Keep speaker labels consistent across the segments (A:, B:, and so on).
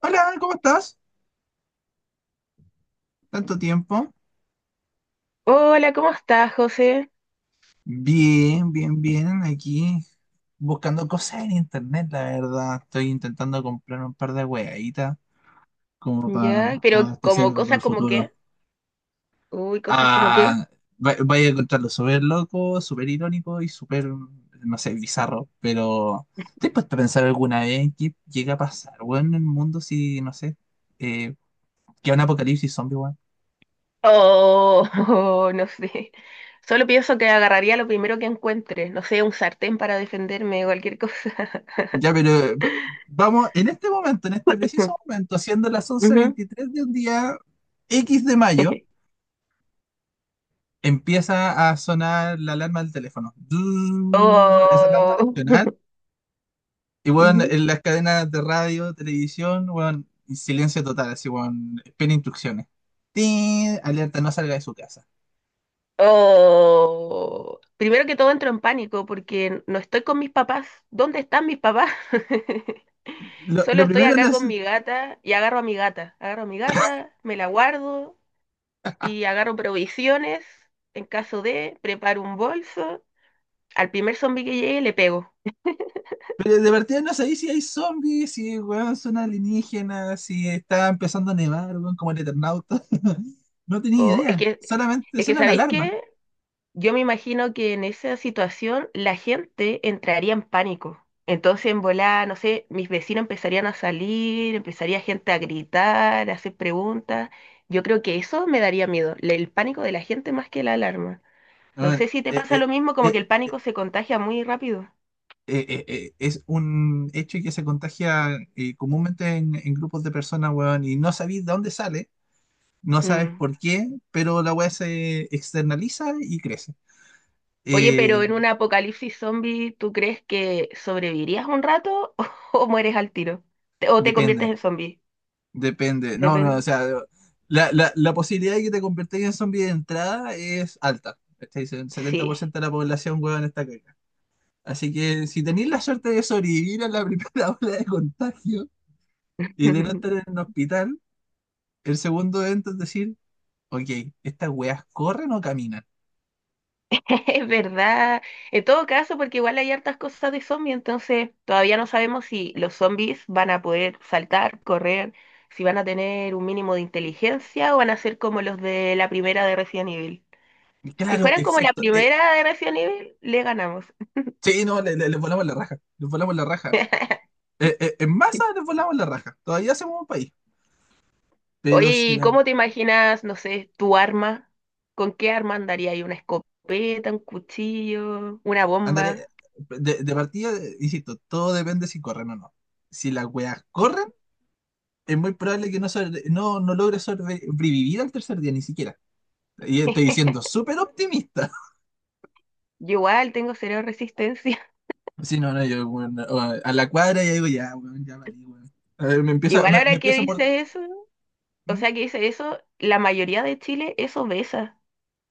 A: Hola, ¿cómo estás? ¿Tanto tiempo?
B: Hola, ¿cómo estás, José?
A: Bien, bien, bien. Aquí buscando cosas en internet, la verdad. Estoy intentando comprar un par de hueaditas como
B: Ya,
A: para
B: pero como
A: abastecerme para
B: cosas
A: el
B: como
A: futuro.
B: qué, uy, cosas como qué,
A: Ah, vaya a encontrarlo súper loco, súper irónico y súper, no sé, bizarro. Pero ¿te has puesto a pensar alguna vez qué llega a pasar, weón, en el mundo si, no sé, eh, que un apocalipsis zombie.
B: oh, no sé. Solo pienso que agarraría lo primero que encuentre, no sé, un sartén para defenderme o cualquier cosa.
A: Ya, pero vamos en este momento, en este preciso momento, siendo las once
B: Ujú.
A: veintitrés de un día X de mayo, empieza a sonar la alarma del teléfono. Zzzz, es la alarma
B: Oh,
A: nacional. Y bueno,
B: Ujú.
A: en las cadenas de radio, televisión, bueno, y silencio total, así, bueno, espera instrucciones. Tin, alerta, no salga de su casa.
B: Oh. Primero que todo entro en pánico porque no estoy con mis papás. ¿Dónde están mis papás?
A: Lo,
B: Solo
A: lo
B: estoy
A: primero no
B: acá
A: es.
B: con mi gata y agarro a mi gata. Agarro a mi gata, me la guardo y agarro provisiones. En caso de, preparo un bolso. Al primer zombie que llegue le pego.
A: Pero de partida no sabéis si hay zombies, si weón, son alienígenas, si está empezando a nevar, weón, como el Eternauta. No tenía
B: O,
A: idea. Solamente
B: es que,
A: suenan
B: ¿sabéis
A: alarmas.
B: qué? Yo me imagino que en esa situación la gente entraría en pánico. Entonces, en volar, no sé, mis vecinos empezarían a salir, empezaría gente a gritar, a hacer preguntas. Yo creo que eso me daría miedo, el pánico de la gente más que la alarma.
A: A
B: No sé
A: ver,
B: si te pasa lo mismo, como que
A: eh,
B: el pánico se contagia muy rápido.
A: es un hecho que se contagia comúnmente en grupos de personas, weón, y no sabéis de dónde sale, no sabes
B: Mm.
A: por qué, pero la weá se externaliza y crece.
B: Oye, pero
A: Eh,
B: en un apocalipsis zombie, ¿tú crees que sobrevivirías un rato o mueres al tiro? ¿O te conviertes
A: depende.
B: en zombie?
A: Depende. No, no, o
B: Depende.
A: sea, la posibilidad de que te convertáis en zombie de entrada es alta. ¿Cachai? El setenta
B: Sí.
A: por ciento de la población, huevón, está caca. Así que si tenéis la suerte de sobrevivir a la primera ola de contagio y de no estar en un hospital, el segundo evento es decir, ok, estas weas corren o caminan.
B: Es verdad. En todo caso, porque igual hay hartas cosas de zombie, entonces todavía no sabemos si los zombies van a poder saltar, correr, si van a tener un mínimo de inteligencia o van a ser como los de la primera de Resident Evil.
A: Y
B: Si
A: claro,
B: fueran como la
A: exacto.
B: primera de Resident Evil, le ganamos.
A: Sí, no, les volamos la raja. Les volamos la raja. En masa les volamos la raja. Todavía hacemos un país. Pero
B: Oye,
A: si
B: ¿y
A: la
B: cómo te imaginas, no sé, tu arma? ¿Con qué arma andaría ahí? ¿Una escopeta, un cuchillo, una
A: Ándale,
B: bomba?
A: de partida, insisto, todo depende si corren o no. Si las weas corren, es muy probable que no logre sobrevivir al tercer día, ni siquiera. Y estoy siendo súper optimista.
B: Yo igual tengo cero resistencia.
A: Si no, no, yo, weón, o a la cuadra ya digo, ya, weón, ya valí, weón. A ver,
B: Igual
A: me, me
B: ahora que
A: empieza a morder.
B: dice eso, o
A: ¿Mm?
B: sea que dice eso, la mayoría de Chile es obesa.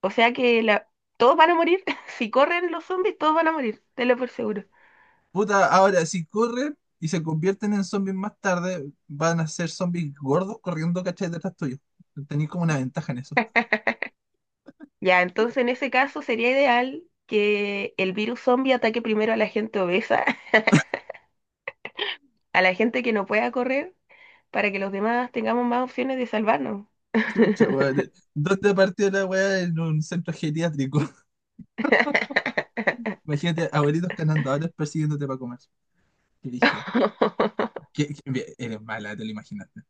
B: O sea que la... todos van a morir. Si corren los zombies, todos van a morir, te lo por seguro.
A: Puta, ahora si corren y se convierten en zombies más tarde, van a ser zombies gordos corriendo, ¿cachai? Detrás tuyo. Tenéis como una ventaja en eso.
B: Ya, entonces en ese caso sería ideal que el virus zombie ataque primero a la gente obesa, a la gente que no pueda correr para que los demás tengamos más opciones de salvarnos.
A: Chucha, weón. ¿Dónde partió la weá? En un centro geriátrico. Imagínate, abuelitos canandadores persiguiéndote para comer. Qué dije, bien, eres mala, te lo imaginaste.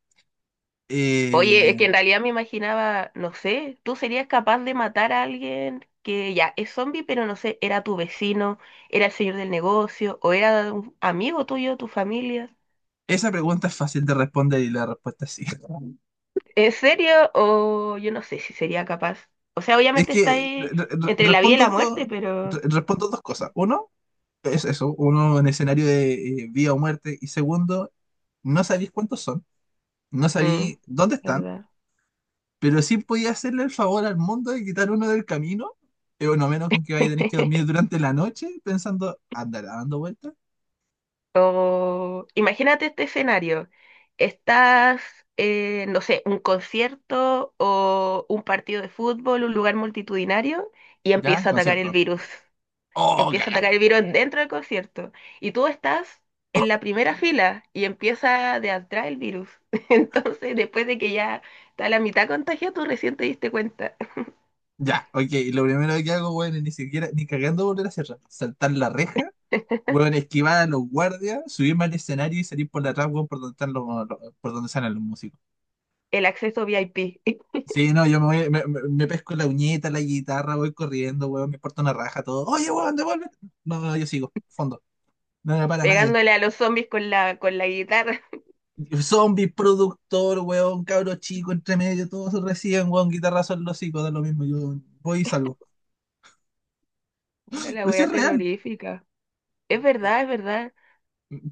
B: Oye, es que
A: Eh,
B: en realidad me imaginaba, no sé, tú serías capaz de matar a alguien que ya es zombie, pero no sé, era tu vecino, era el señor del negocio, o era un amigo tuyo, tu familia.
A: esa pregunta es fácil de responder y la respuesta es sí.
B: ¿En serio? O yo no sé si sería capaz. O sea,
A: Es
B: obviamente está
A: que
B: ahí entre la vida y
A: respondo,
B: la muerte, pero...
A: respondo dos cosas. Uno, es eso, uno en escenario de vida o muerte. Y segundo, no sabéis cuántos son, no
B: Mm,
A: sabéis dónde están,
B: ¿verdad?
A: pero sí podía hacerle el favor al mundo de quitar uno del camino, bueno, menos con que vaya a tener que dormir durante la noche pensando, andará dando vueltas.
B: O imagínate este escenario. Estás, no sé, un concierto o un partido de fútbol, un lugar multitudinario, y
A: Ya,
B: empieza a atacar el
A: concierto.
B: virus.
A: Oh,
B: Empieza a
A: cagaste.
B: atacar el virus dentro del concierto. Y tú estás en la primera fila y empieza de atrás el virus. Entonces, después de que ya está la mitad contagiada, tú recién te diste cuenta.
A: Ya, ok. Lo primero que hago, weón, es ni siquiera, ni cagando volver a cerrar. Saltar la reja, weón, esquivar a los guardias, subirme al escenario y salir por la atrás, weón, por donde por donde salen los músicos.
B: El acceso VIP,
A: Sí, no, yo me voy, me pesco la uñeta, la guitarra, voy corriendo, weón, me porto una raja, todo. Oye, weón, devuelve. No, no, yo sigo, fondo. No me para nadie.
B: pegándole a los zombies con la guitarra.
A: Zombies, productor, weón, cabro chico, entre medio, todos reciben, weón, guitarrazo en los hocico, da lo mismo. Yo voy y salgo.
B: Puta, la
A: Pero sí
B: wea
A: es real.
B: terrorífica. Es verdad, es verdad.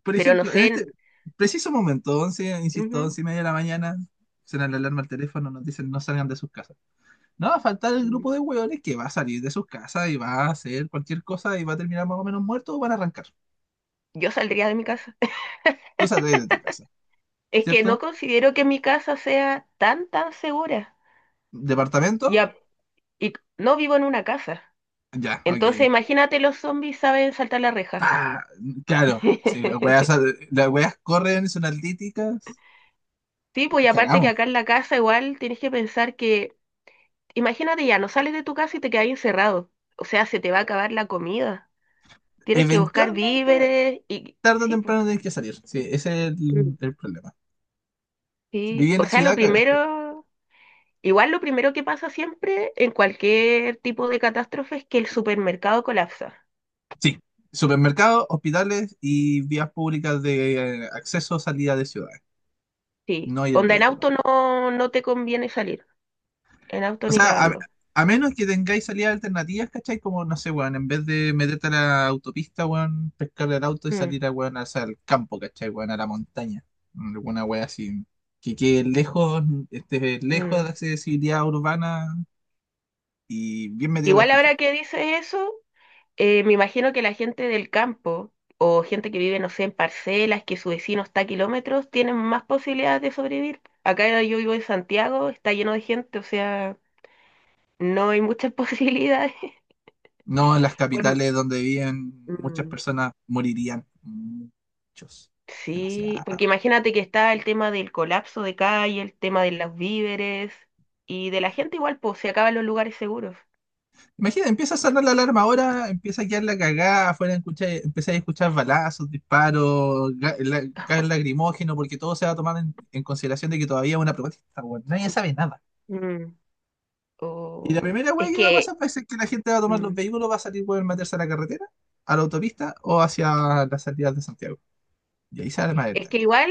A: Por
B: Pero no
A: ejemplo, en
B: sé,
A: este preciso momento, 11 insisto,
B: ujú,
A: 11:30 de la mañana, suena la alarma al teléfono, nos dicen no salgan de sus casas. No va a faltar el
B: mm,
A: grupo de hueones que va a salir de sus casas y va a hacer cualquier cosa y va a terminar más o menos muerto o van a arrancar.
B: yo saldría de mi casa.
A: Tú sales de tu casa,
B: Es que no
A: ¿cierto?
B: considero que mi casa sea tan, tan segura. Y,
A: ¿Departamento?
B: a- y no vivo en una casa.
A: Ya,
B: Entonces
A: ok.
B: imagínate los zombies saben saltar la reja.
A: Pa, claro, si las weas corren, son altíticas,
B: Sí, pues y aparte que acá
A: cagamos.
B: en la casa igual tienes que pensar que, imagínate ya, no sales de tu casa y te quedas encerrado. O sea, se te va a acabar la comida. Tienes que buscar
A: Eventualmente,
B: víveres y...
A: tarde o
B: Sí, pues.
A: temprano tienes que salir. Sí, ese es
B: Mm.
A: el problema.
B: Sí.
A: Viví en
B: O
A: la
B: sea, lo
A: ciudad, cagaste.
B: primero... Igual lo primero que pasa siempre en cualquier tipo de catástrofe es que el supermercado colapsa.
A: Sí, supermercados, hospitales y vías públicas de acceso o salida de ciudades,
B: Sí.
A: no ir en
B: Onda, en
A: vehículo.
B: auto no, no te conviene salir. En auto
A: O
B: ni
A: sea,
B: cagando.
A: a menos que tengáis salidas alternativas, ¿cachai? Como, no sé, weón, en vez de meterte a la autopista, weón, pescar el auto y
B: Mm,
A: salir a, weón, hacia el campo, ¿cachai? Weón, a la montaña. Alguna weón así. Que quede lejos, esté lejos de
B: mm.
A: la accesibilidad urbana y bien metido a la
B: Igual
A: chucha.
B: ahora que dices eso, me imagino que la gente del campo o gente que vive, no sé, en parcelas, que su vecino está a kilómetros, tienen más posibilidades de sobrevivir. Acá yo vivo en Santiago, está lleno de gente, o sea, no hay muchas posibilidades.
A: No, en las
B: Por-
A: capitales donde viven muchas
B: mm.
A: personas morirían. Muchos. Demasiado.
B: Sí, porque imagínate que está el tema del colapso de calle, el tema de los víveres y de la gente igual, pues se acaban los lugares seguros.
A: Imagina, empieza a sonar la alarma ahora, empieza a quedar la cagada, afuera empezáis a escuchar balazos, disparos, gas lacrimógeno, porque todo se va a tomar en consideración de que todavía es una protesta, weón. Nadie sabe nada.
B: Mm.
A: Y la primera weá
B: Es
A: que va a
B: que,
A: pasar va a ser que la gente va a tomar los
B: mm,
A: vehículos, va a salir, weón, meterse a la carretera, a la autopista o hacia las salidas de Santiago. Y ahí se arma el
B: es que
A: tango.
B: igual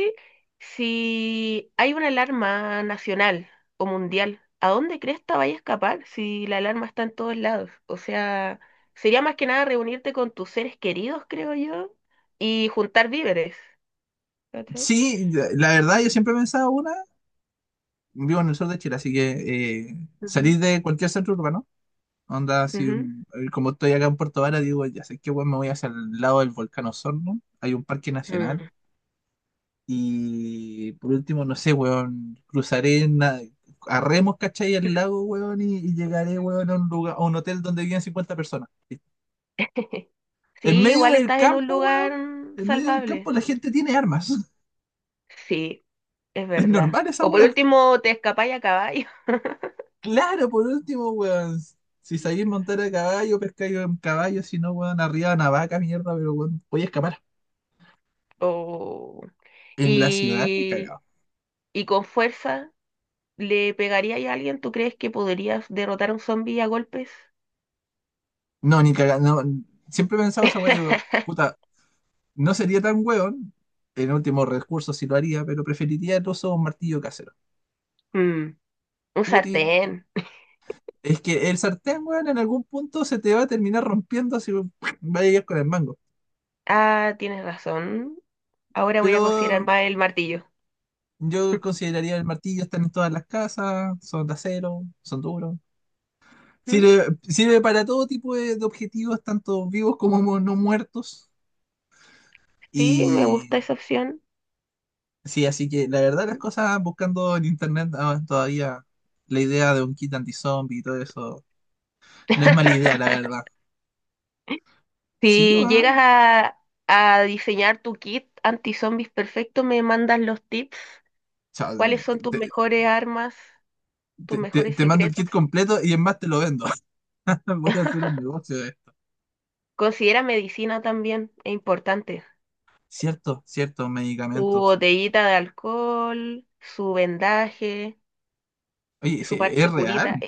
B: si hay una alarma nacional o mundial, ¿a dónde cresta vaya a escapar si la alarma está en todos lados? O sea, sería más que nada reunirte con tus seres queridos, creo yo, y juntar víveres. ¿Cachai?
A: Sí, la verdad, yo siempre he pensado una, vivo en el sur de Chile, así que
B: Ujú,
A: salir de cualquier centro urbano. Onda, si
B: ujú.
A: como estoy acá en Puerto Vara, digo, ya sé que weón, me voy hacia el lado del volcán Osorno, hay un parque nacional,
B: Mm.
A: y por último, no sé, weón, a remos, ¿cachai? El lago, weón, y llegaré, weón, a un lugar, a un hotel donde viven 50 personas. En
B: Sí,
A: medio
B: igual
A: del
B: estás en un
A: campo, weón,
B: lugar
A: en medio del campo
B: salvable.
A: la gente tiene armas.
B: Sí, es
A: Es
B: verdad.
A: normal esa
B: O por
A: weá.
B: último, te escapáis a caballo.
A: Claro, por último, weón. Si sabéis montar a caballo, pescáis en caballo, si no, weón, arriba de una vaca, mierda, pero weón, voy a escapar.
B: O...
A: En la ciudad, te
B: Y,
A: cagaba.
B: y con fuerza, ¿le pegarías a alguien? ¿Tú crees que podrías derrotar a un zombie a golpes?
A: No, ni caga, no, siempre he pensado esa weá, digo, puta, no sería tan weón, en último recurso sí lo haría, pero preferiría el uso de un martillo casero.
B: Mm, un
A: Útil.
B: sartén.
A: Es que el sartén, weón, en algún punto se te va a terminar rompiendo si vayas con el mango.
B: Ah, tienes razón. Ahora voy a
A: Pero
B: considerar más el martillo.
A: yo consideraría el martillo, están en todas las casas, son de acero, son duros.
B: Mm,
A: Sirve, sirve para todo tipo de objetivos, tanto vivos como no muertos.
B: sí, me
A: Y
B: gusta esa opción.
A: sí, así que la verdad las cosas buscando en internet ah, todavía la idea de un kit anti-zombie y todo eso no es mala idea, la verdad. Sí,
B: Si llegas
A: weón.
B: a diseñar tu kit anti-zombies perfecto, me mandas los tips.
A: O sea,
B: ¿Cuáles son tus
A: te,
B: mejores armas, tus mejores
A: te mando el
B: secretos?
A: kit completo y en más te lo vendo. Voy a hacer un negocio de esto.
B: Considera medicina también, es importante.
A: Cierto, cierto,
B: Su
A: medicamentos.
B: botellita de alcohol, su vendaje,
A: Oye,
B: su
A: sí,
B: parche curita.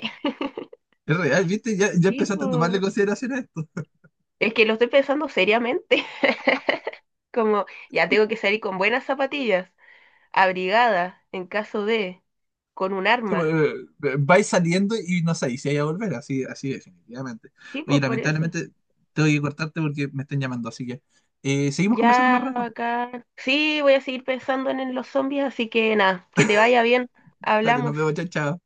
A: es real, ¿viste? Ya, ya
B: Sí,
A: empezaste a tomarle
B: po.
A: consideración a esto.
B: Es que lo estoy pensando seriamente. Como ya tengo que salir con buenas zapatillas, abrigada en caso de, con un
A: Sí, pues,
B: arma.
A: vais saliendo y no sabéis si vais a volver, así, así definitivamente.
B: Sí,
A: Oye,
B: pues por eso.
A: lamentablemente tengo que cortarte porque me están llamando, así que seguimos conversando más
B: Ya,
A: rato.
B: acá. Sí, voy a seguir pensando en los zombies, así que nada, que te vaya bien.
A: Dale, nos
B: Hablamos.
A: vemos, chao, chao.